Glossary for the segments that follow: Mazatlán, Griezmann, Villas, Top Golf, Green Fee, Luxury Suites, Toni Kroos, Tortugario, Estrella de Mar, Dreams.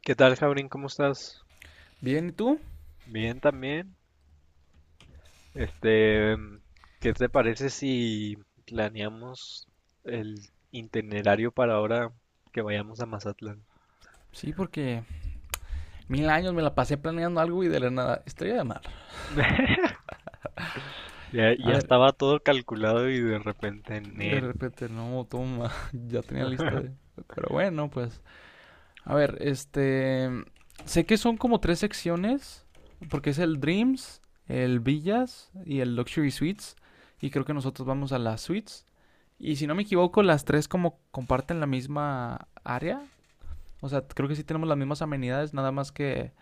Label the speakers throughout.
Speaker 1: ¿Qué tal, Jaurín? ¿Cómo estás?
Speaker 2: Bien, ¿y tú?
Speaker 1: Bien también. Este, ¿qué te parece si planeamos el itinerario para ahora que vayamos a Mazatlán?
Speaker 2: Sí, porque mil años me la pasé planeando algo y de la nada. Estrella de mar.
Speaker 1: Ya,
Speaker 2: A
Speaker 1: ya
Speaker 2: ver,
Speaker 1: estaba todo calculado y de repente en
Speaker 2: de
Speaker 1: él.
Speaker 2: repente, no, toma. Ya tenía lista de. Pero bueno, pues. A ver, Sé que son como tres secciones. Porque es el Dreams, el Villas y el Luxury Suites. Y creo que nosotros vamos a las Suites. Y si no me equivoco, las tres como comparten la misma área. O sea, creo que sí tenemos las mismas amenidades, nada más que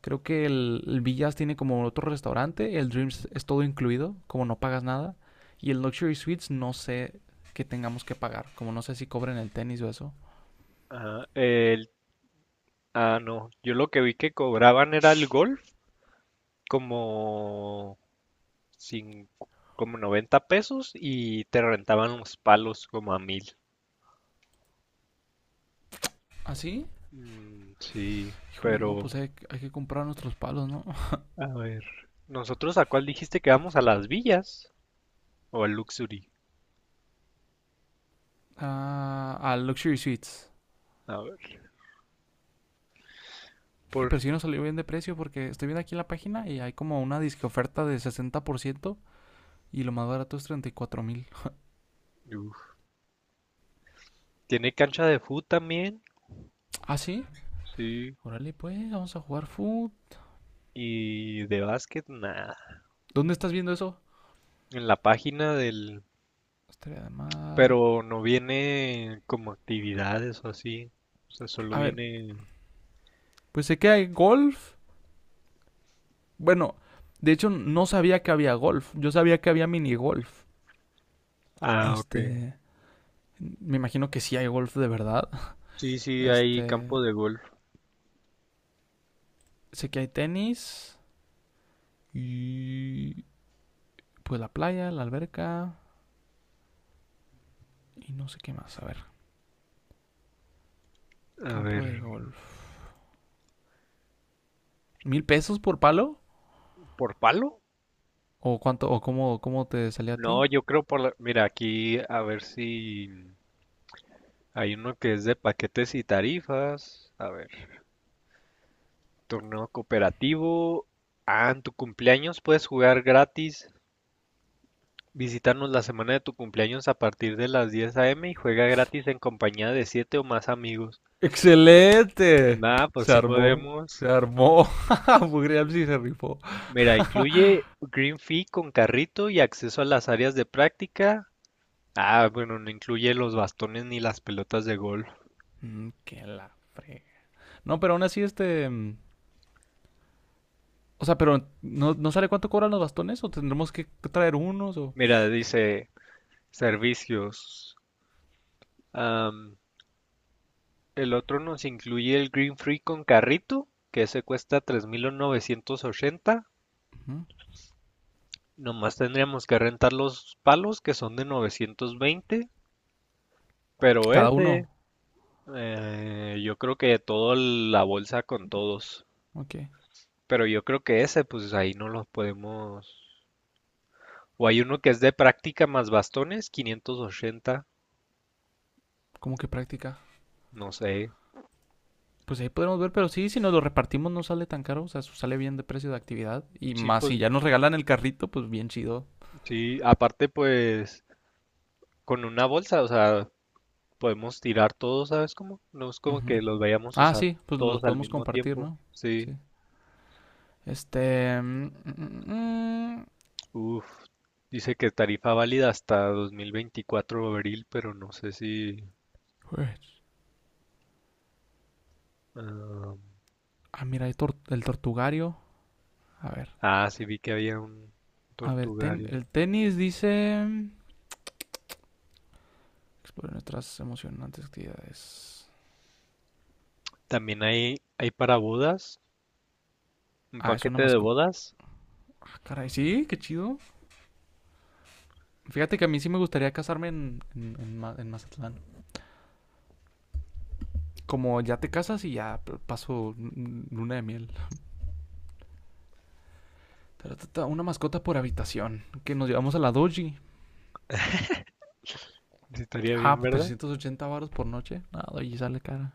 Speaker 2: creo que el Villas tiene como otro restaurante, el Dreams es todo incluido, como no pagas nada. Y el Luxury Suites no sé qué tengamos que pagar, como no sé si cobren el tenis o eso.
Speaker 1: Ah, el, no. Yo lo que vi que cobraban era el golf como, cin- como 90 pesos y te rentaban los palos como a 1,000.
Speaker 2: ¿Así? ¿Ah, sí?
Speaker 1: Mm, sí,
Speaker 2: Híjole, no, pues
Speaker 1: pero
Speaker 2: hay que comprar nuestros palos, ¿no?
Speaker 1: a ver, ¿nosotros a cuál dijiste que vamos? ¿A las villas o al Luxury?
Speaker 2: Ah, al Luxury Suites.
Speaker 1: A ver, por...
Speaker 2: Pero sí nos salió bien de precio porque estoy viendo aquí en la página y hay como una disque oferta de 60% y lo más barato es 34,000.
Speaker 1: Uf. ¿Tiene cancha de fútbol también?
Speaker 2: ¿Ah, sí?
Speaker 1: Sí.
Speaker 2: Órale, pues, vamos a jugar food.
Speaker 1: ¿Y de básquet? Nada.
Speaker 2: ¿Dónde estás viendo eso?
Speaker 1: En la página del...
Speaker 2: Estrella de mar.
Speaker 1: Pero no viene como actividades o así. O sea, solo
Speaker 2: A ver,
Speaker 1: viene...
Speaker 2: pues sé que hay golf. Bueno, de hecho no sabía que había golf. Yo sabía que había mini golf.
Speaker 1: Ah, ok.
Speaker 2: Este, Me imagino que sí hay golf de verdad.
Speaker 1: Sí, sí, hay
Speaker 2: Este,
Speaker 1: campo de golf.
Speaker 2: Sé que hay tenis y pues la playa, la alberca y no sé qué más. A ver,
Speaker 1: A
Speaker 2: campo
Speaker 1: ver,
Speaker 2: de golf. ¿1,000 pesos por palo?
Speaker 1: ¿por palo?
Speaker 2: ¿O cuánto? ¿O cómo te salía a ti?
Speaker 1: No, yo creo por la... Mira, aquí a ver si hay uno que es de paquetes y tarifas. A ver. Torneo cooperativo. Ah, en tu cumpleaños puedes jugar gratis. Visítanos la semana de tu cumpleaños a partir de las 10 a.m. y juega gratis en compañía de 7 o más amigos.
Speaker 2: ¡Excelente!
Speaker 1: Nah, pues
Speaker 2: Se
Speaker 1: sí
Speaker 2: armó. Se
Speaker 1: podemos.
Speaker 2: armó. Bugreal sí se rifó.
Speaker 1: Mira, incluye Green Fee con carrito y acceso a las áreas de práctica. Ah, bueno, no incluye los bastones ni las pelotas de golf.
Speaker 2: Qué la fre... No, pero aún así, o sea, pero ¿no, no sale cuánto cobran los bastones? ¿O tendremos que traer unos? O...
Speaker 1: Mira, dice servicios. El otro nos incluye el Green Free con carrito, que ese cuesta 3,980.
Speaker 2: Ujú.
Speaker 1: Nomás tendríamos que rentar los palos, que son de 920. Pero
Speaker 2: Cada uno.
Speaker 1: ese, yo creo que toda la bolsa con todos.
Speaker 2: Ok.
Speaker 1: Pero yo creo que ese, pues ahí no los podemos. O hay uno que es de práctica más bastones, 580.
Speaker 2: Como que práctica.
Speaker 1: No sé.
Speaker 2: Pues ahí podremos ver, pero sí, si nos lo repartimos no sale tan caro. O sea, eso sale bien de precio de actividad. Y
Speaker 1: Sí,
Speaker 2: más, si
Speaker 1: pues
Speaker 2: ya nos regalan el carrito, pues bien chido.
Speaker 1: sí. Aparte, pues con una bolsa, o sea, podemos tirar todos, ¿sabes cómo? No es como
Speaker 2: Ujú.
Speaker 1: que los vayamos a
Speaker 2: Ah,
Speaker 1: usar
Speaker 2: sí, pues los
Speaker 1: todos al
Speaker 2: podemos
Speaker 1: mismo
Speaker 2: compartir,
Speaker 1: tiempo.
Speaker 2: ¿no?
Speaker 1: Sí,
Speaker 2: Sí. Este... mm, mm, mm,
Speaker 1: uff. Dice que tarifa válida hasta 2024 abril, pero no sé si...
Speaker 2: pues,
Speaker 1: ah,
Speaker 2: ah, mira, hay el tortugario. A ver.
Speaker 1: sí vi que había un
Speaker 2: A ver,
Speaker 1: tortugario.
Speaker 2: el tenis dice... Explore nuestras emocionantes actividades.
Speaker 1: También hay para bodas, un
Speaker 2: Ah, es una
Speaker 1: paquete de
Speaker 2: mascota.
Speaker 1: bodas.
Speaker 2: Ah, caray, sí, qué chido. Fíjate que a mí sí me gustaría casarme en Mazatlán. Como ya te casas y ya paso luna de miel. Una mascota por habitación. Que nos llevamos a la doji.
Speaker 1: Sí, estaría
Speaker 2: Ah,
Speaker 1: bien,
Speaker 2: pues,
Speaker 1: ¿verdad?
Speaker 2: 380 varos por noche. No, doji sale cara.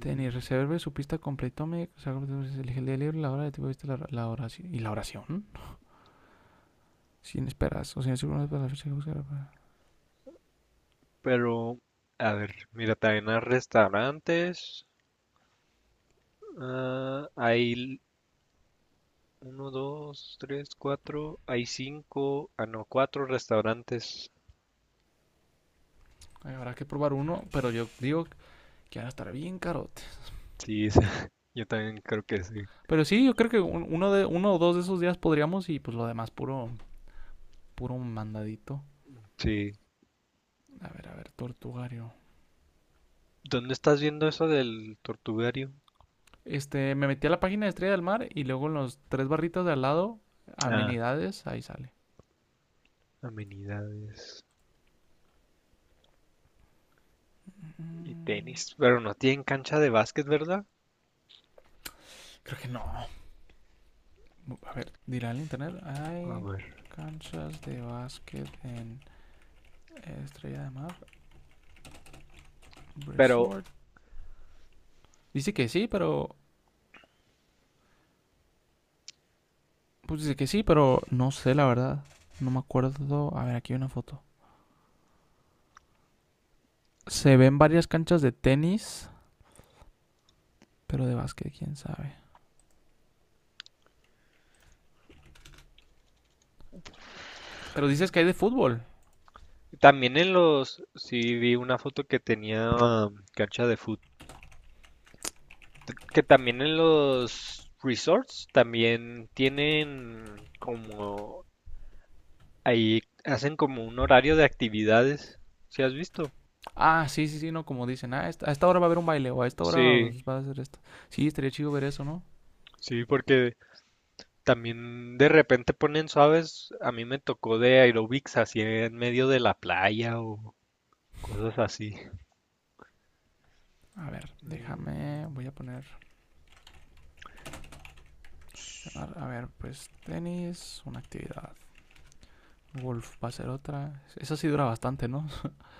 Speaker 2: Tenis, reserve su pista completo. Me, o sea, elige el día libre, la hora de tipo, viste la oración. ¿Y la oración? Sin esperas. O sea, si uno no es para la fecha que buscar.
Speaker 1: Pero, a ver, mira, también hay restaurantes. Hay uno, dos, tres, cuatro. Hay cinco, no, cuatro restaurantes.
Speaker 2: Ay, habrá que probar uno, pero yo digo que van a estar bien carotes.
Speaker 1: Sí, yo también creo que sí.
Speaker 2: Pero sí, yo creo que uno o dos de esos días podríamos y pues lo demás puro, puro mandadito.
Speaker 1: Sí.
Speaker 2: A ver, Tortugario.
Speaker 1: ¿Dónde estás viendo eso del tortugario?
Speaker 2: Me metí a la página de Estrella del Mar y luego en los tres barritas de al lado,
Speaker 1: Ah,
Speaker 2: amenidades, ahí sale.
Speaker 1: amenidades y
Speaker 2: Mm,
Speaker 1: tenis. Pero no tienen cancha de básquet, ¿verdad?
Speaker 2: Creo que no. A ver, dirá el internet.
Speaker 1: A
Speaker 2: Hay
Speaker 1: ver.
Speaker 2: canchas de básquet en Estrella del Mar
Speaker 1: Pero
Speaker 2: Resort. Dice que sí, pero... Pues dice que sí, pero no sé la verdad. No me acuerdo. A ver, aquí hay una foto. Se ven varias canchas de tenis. Pero de básquet, quién sabe. Pero dices que hay de fútbol.
Speaker 1: también en los, sí vi una foto que tenía cancha de fútbol. Que también en los resorts también tienen como ahí hacen como un horario de actividades, ¿si has visto?
Speaker 2: Ah, sí, sí, sí, no, como dicen. Ah, a esta hora va a haber un baile o a esta hora va,
Speaker 1: Sí.
Speaker 2: va a hacer esto. Sí, estaría chido ver eso, ¿no?
Speaker 1: Sí, porque también de repente ponen suaves, a mí me tocó de aerobics así en medio de la playa o cosas así.
Speaker 2: A ver,
Speaker 1: Mm,
Speaker 2: déjame, voy a poner, a ver, pues tenis, una actividad. Golf va a ser otra. Esa sí dura bastante, ¿no?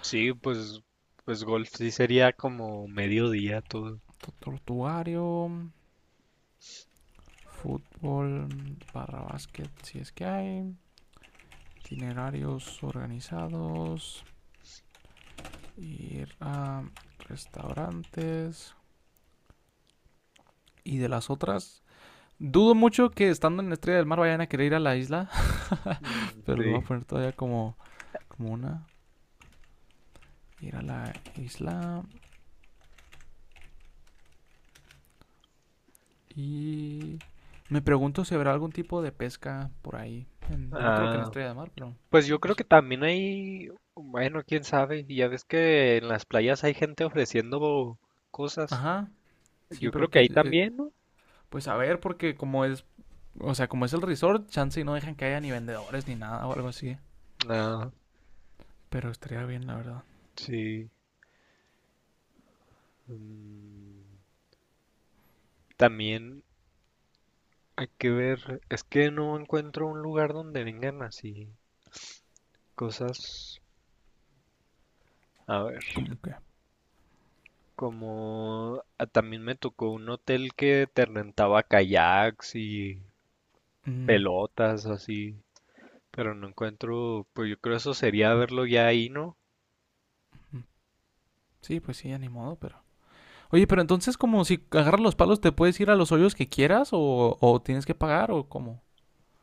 Speaker 1: sí, pues golf sí sería como mediodía todo.
Speaker 2: Tortuario, fútbol, barra básquet, si es que hay. Itinerarios organizados, ir a restaurantes. Y de las otras, dudo mucho que estando en Estrella del Mar vayan a querer ir a la isla,
Speaker 1: Mm,
Speaker 2: pero lo voy a
Speaker 1: sí.
Speaker 2: poner todavía como, como una. Ir a la isla y... Me pregunto si habrá algún tipo de pesca por ahí. No creo que en
Speaker 1: Ah,
Speaker 2: Estrella de Mar, pero...
Speaker 1: pues yo
Speaker 2: no
Speaker 1: creo
Speaker 2: sé.
Speaker 1: que también hay, bueno, quién sabe, ya ves que en las playas hay gente ofreciendo cosas.
Speaker 2: Ajá, sí,
Speaker 1: Yo creo
Speaker 2: pero
Speaker 1: que ahí también, ¿no?
Speaker 2: pues a ver, porque como es... O sea, como es el resort, chance y no dejan que haya ni vendedores ni nada o algo así.
Speaker 1: Ah,
Speaker 2: Pero estaría bien, la verdad.
Speaker 1: sí. Mm, También hay que ver, es que no encuentro un lugar donde vengan así cosas. A ver,
Speaker 2: Como que...
Speaker 1: como también me tocó un hotel que te rentaba kayaks y
Speaker 2: mm,
Speaker 1: pelotas así, pero no encuentro, pues yo creo eso sería verlo ya ahí, ¿no?
Speaker 2: mm. Sí, pues sí, ya ni modo, pero... Oye, pero entonces como si agarras los palos te puedes ir a los hoyos que quieras o tienes que pagar o cómo.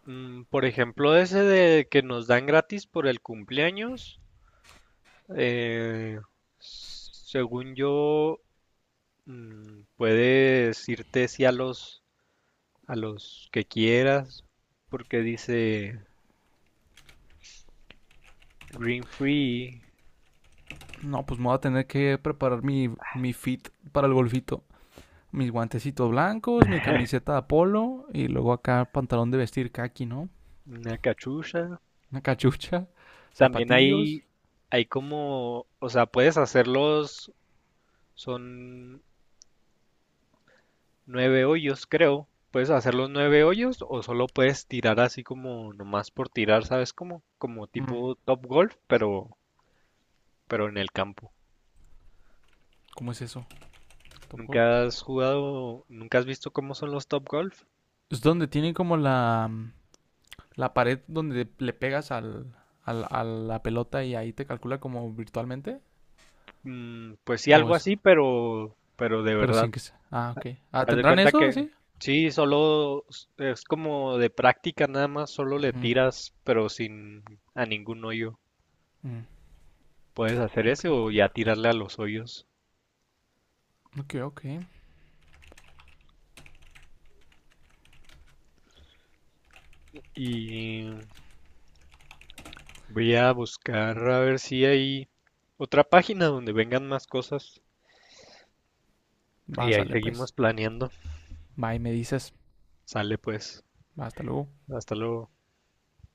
Speaker 1: Por ejemplo, ese de que nos dan gratis por el cumpleaños, eh, según yo, puedes irte sí a los que quieras, porque dice Green Free,
Speaker 2: No, pues me voy a tener que preparar mi fit para el golfito. Mis guantecitos blancos, mi camiseta de polo y luego acá pantalón de vestir kaki, ¿no?
Speaker 1: una cachucha.
Speaker 2: Una cachucha,
Speaker 1: También
Speaker 2: zapatillos.
Speaker 1: hay como, o sea, puedes hacerlos, son nueve hoyos, creo. Puedes hacer los nueve hoyos o solo puedes tirar así como nomás por tirar, ¿sabes cómo? Como
Speaker 2: Mm,
Speaker 1: tipo Top Golf, pero en el campo.
Speaker 2: ¿Cómo es eso? ¿Top golf?
Speaker 1: ¿Nunca has jugado, nunca has visto cómo son los Top Golf?
Speaker 2: Es donde tiene como la pared donde le pegas a la pelota y ahí te calcula como virtualmente.
Speaker 1: Mm, pues sí,
Speaker 2: O
Speaker 1: algo
Speaker 2: eso.
Speaker 1: así, pero de
Speaker 2: Pero
Speaker 1: verdad.
Speaker 2: sin que sea. Ah, ok. Ah,
Speaker 1: Haz de
Speaker 2: ¿tendrán
Speaker 1: cuenta
Speaker 2: eso?
Speaker 1: que
Speaker 2: ¿Así?
Speaker 1: sí, solo es como de práctica nada más, solo le
Speaker 2: Ujú,
Speaker 1: tiras, pero sin a ningún hoyo.
Speaker 2: ujú.
Speaker 1: Puedes hacer
Speaker 2: Ok,
Speaker 1: ese
Speaker 2: ok,
Speaker 1: o ya
Speaker 2: ok.
Speaker 1: tirarle a los hoyos.
Speaker 2: Ok, ok.
Speaker 1: Y voy a buscar a ver si hay otra página donde vengan más cosas.
Speaker 2: Va,
Speaker 1: Y ahí
Speaker 2: sale
Speaker 1: seguimos
Speaker 2: pues.
Speaker 1: planeando.
Speaker 2: Va y me dices.
Speaker 1: Sale pues.
Speaker 2: Va, hasta luego.
Speaker 1: Hasta luego.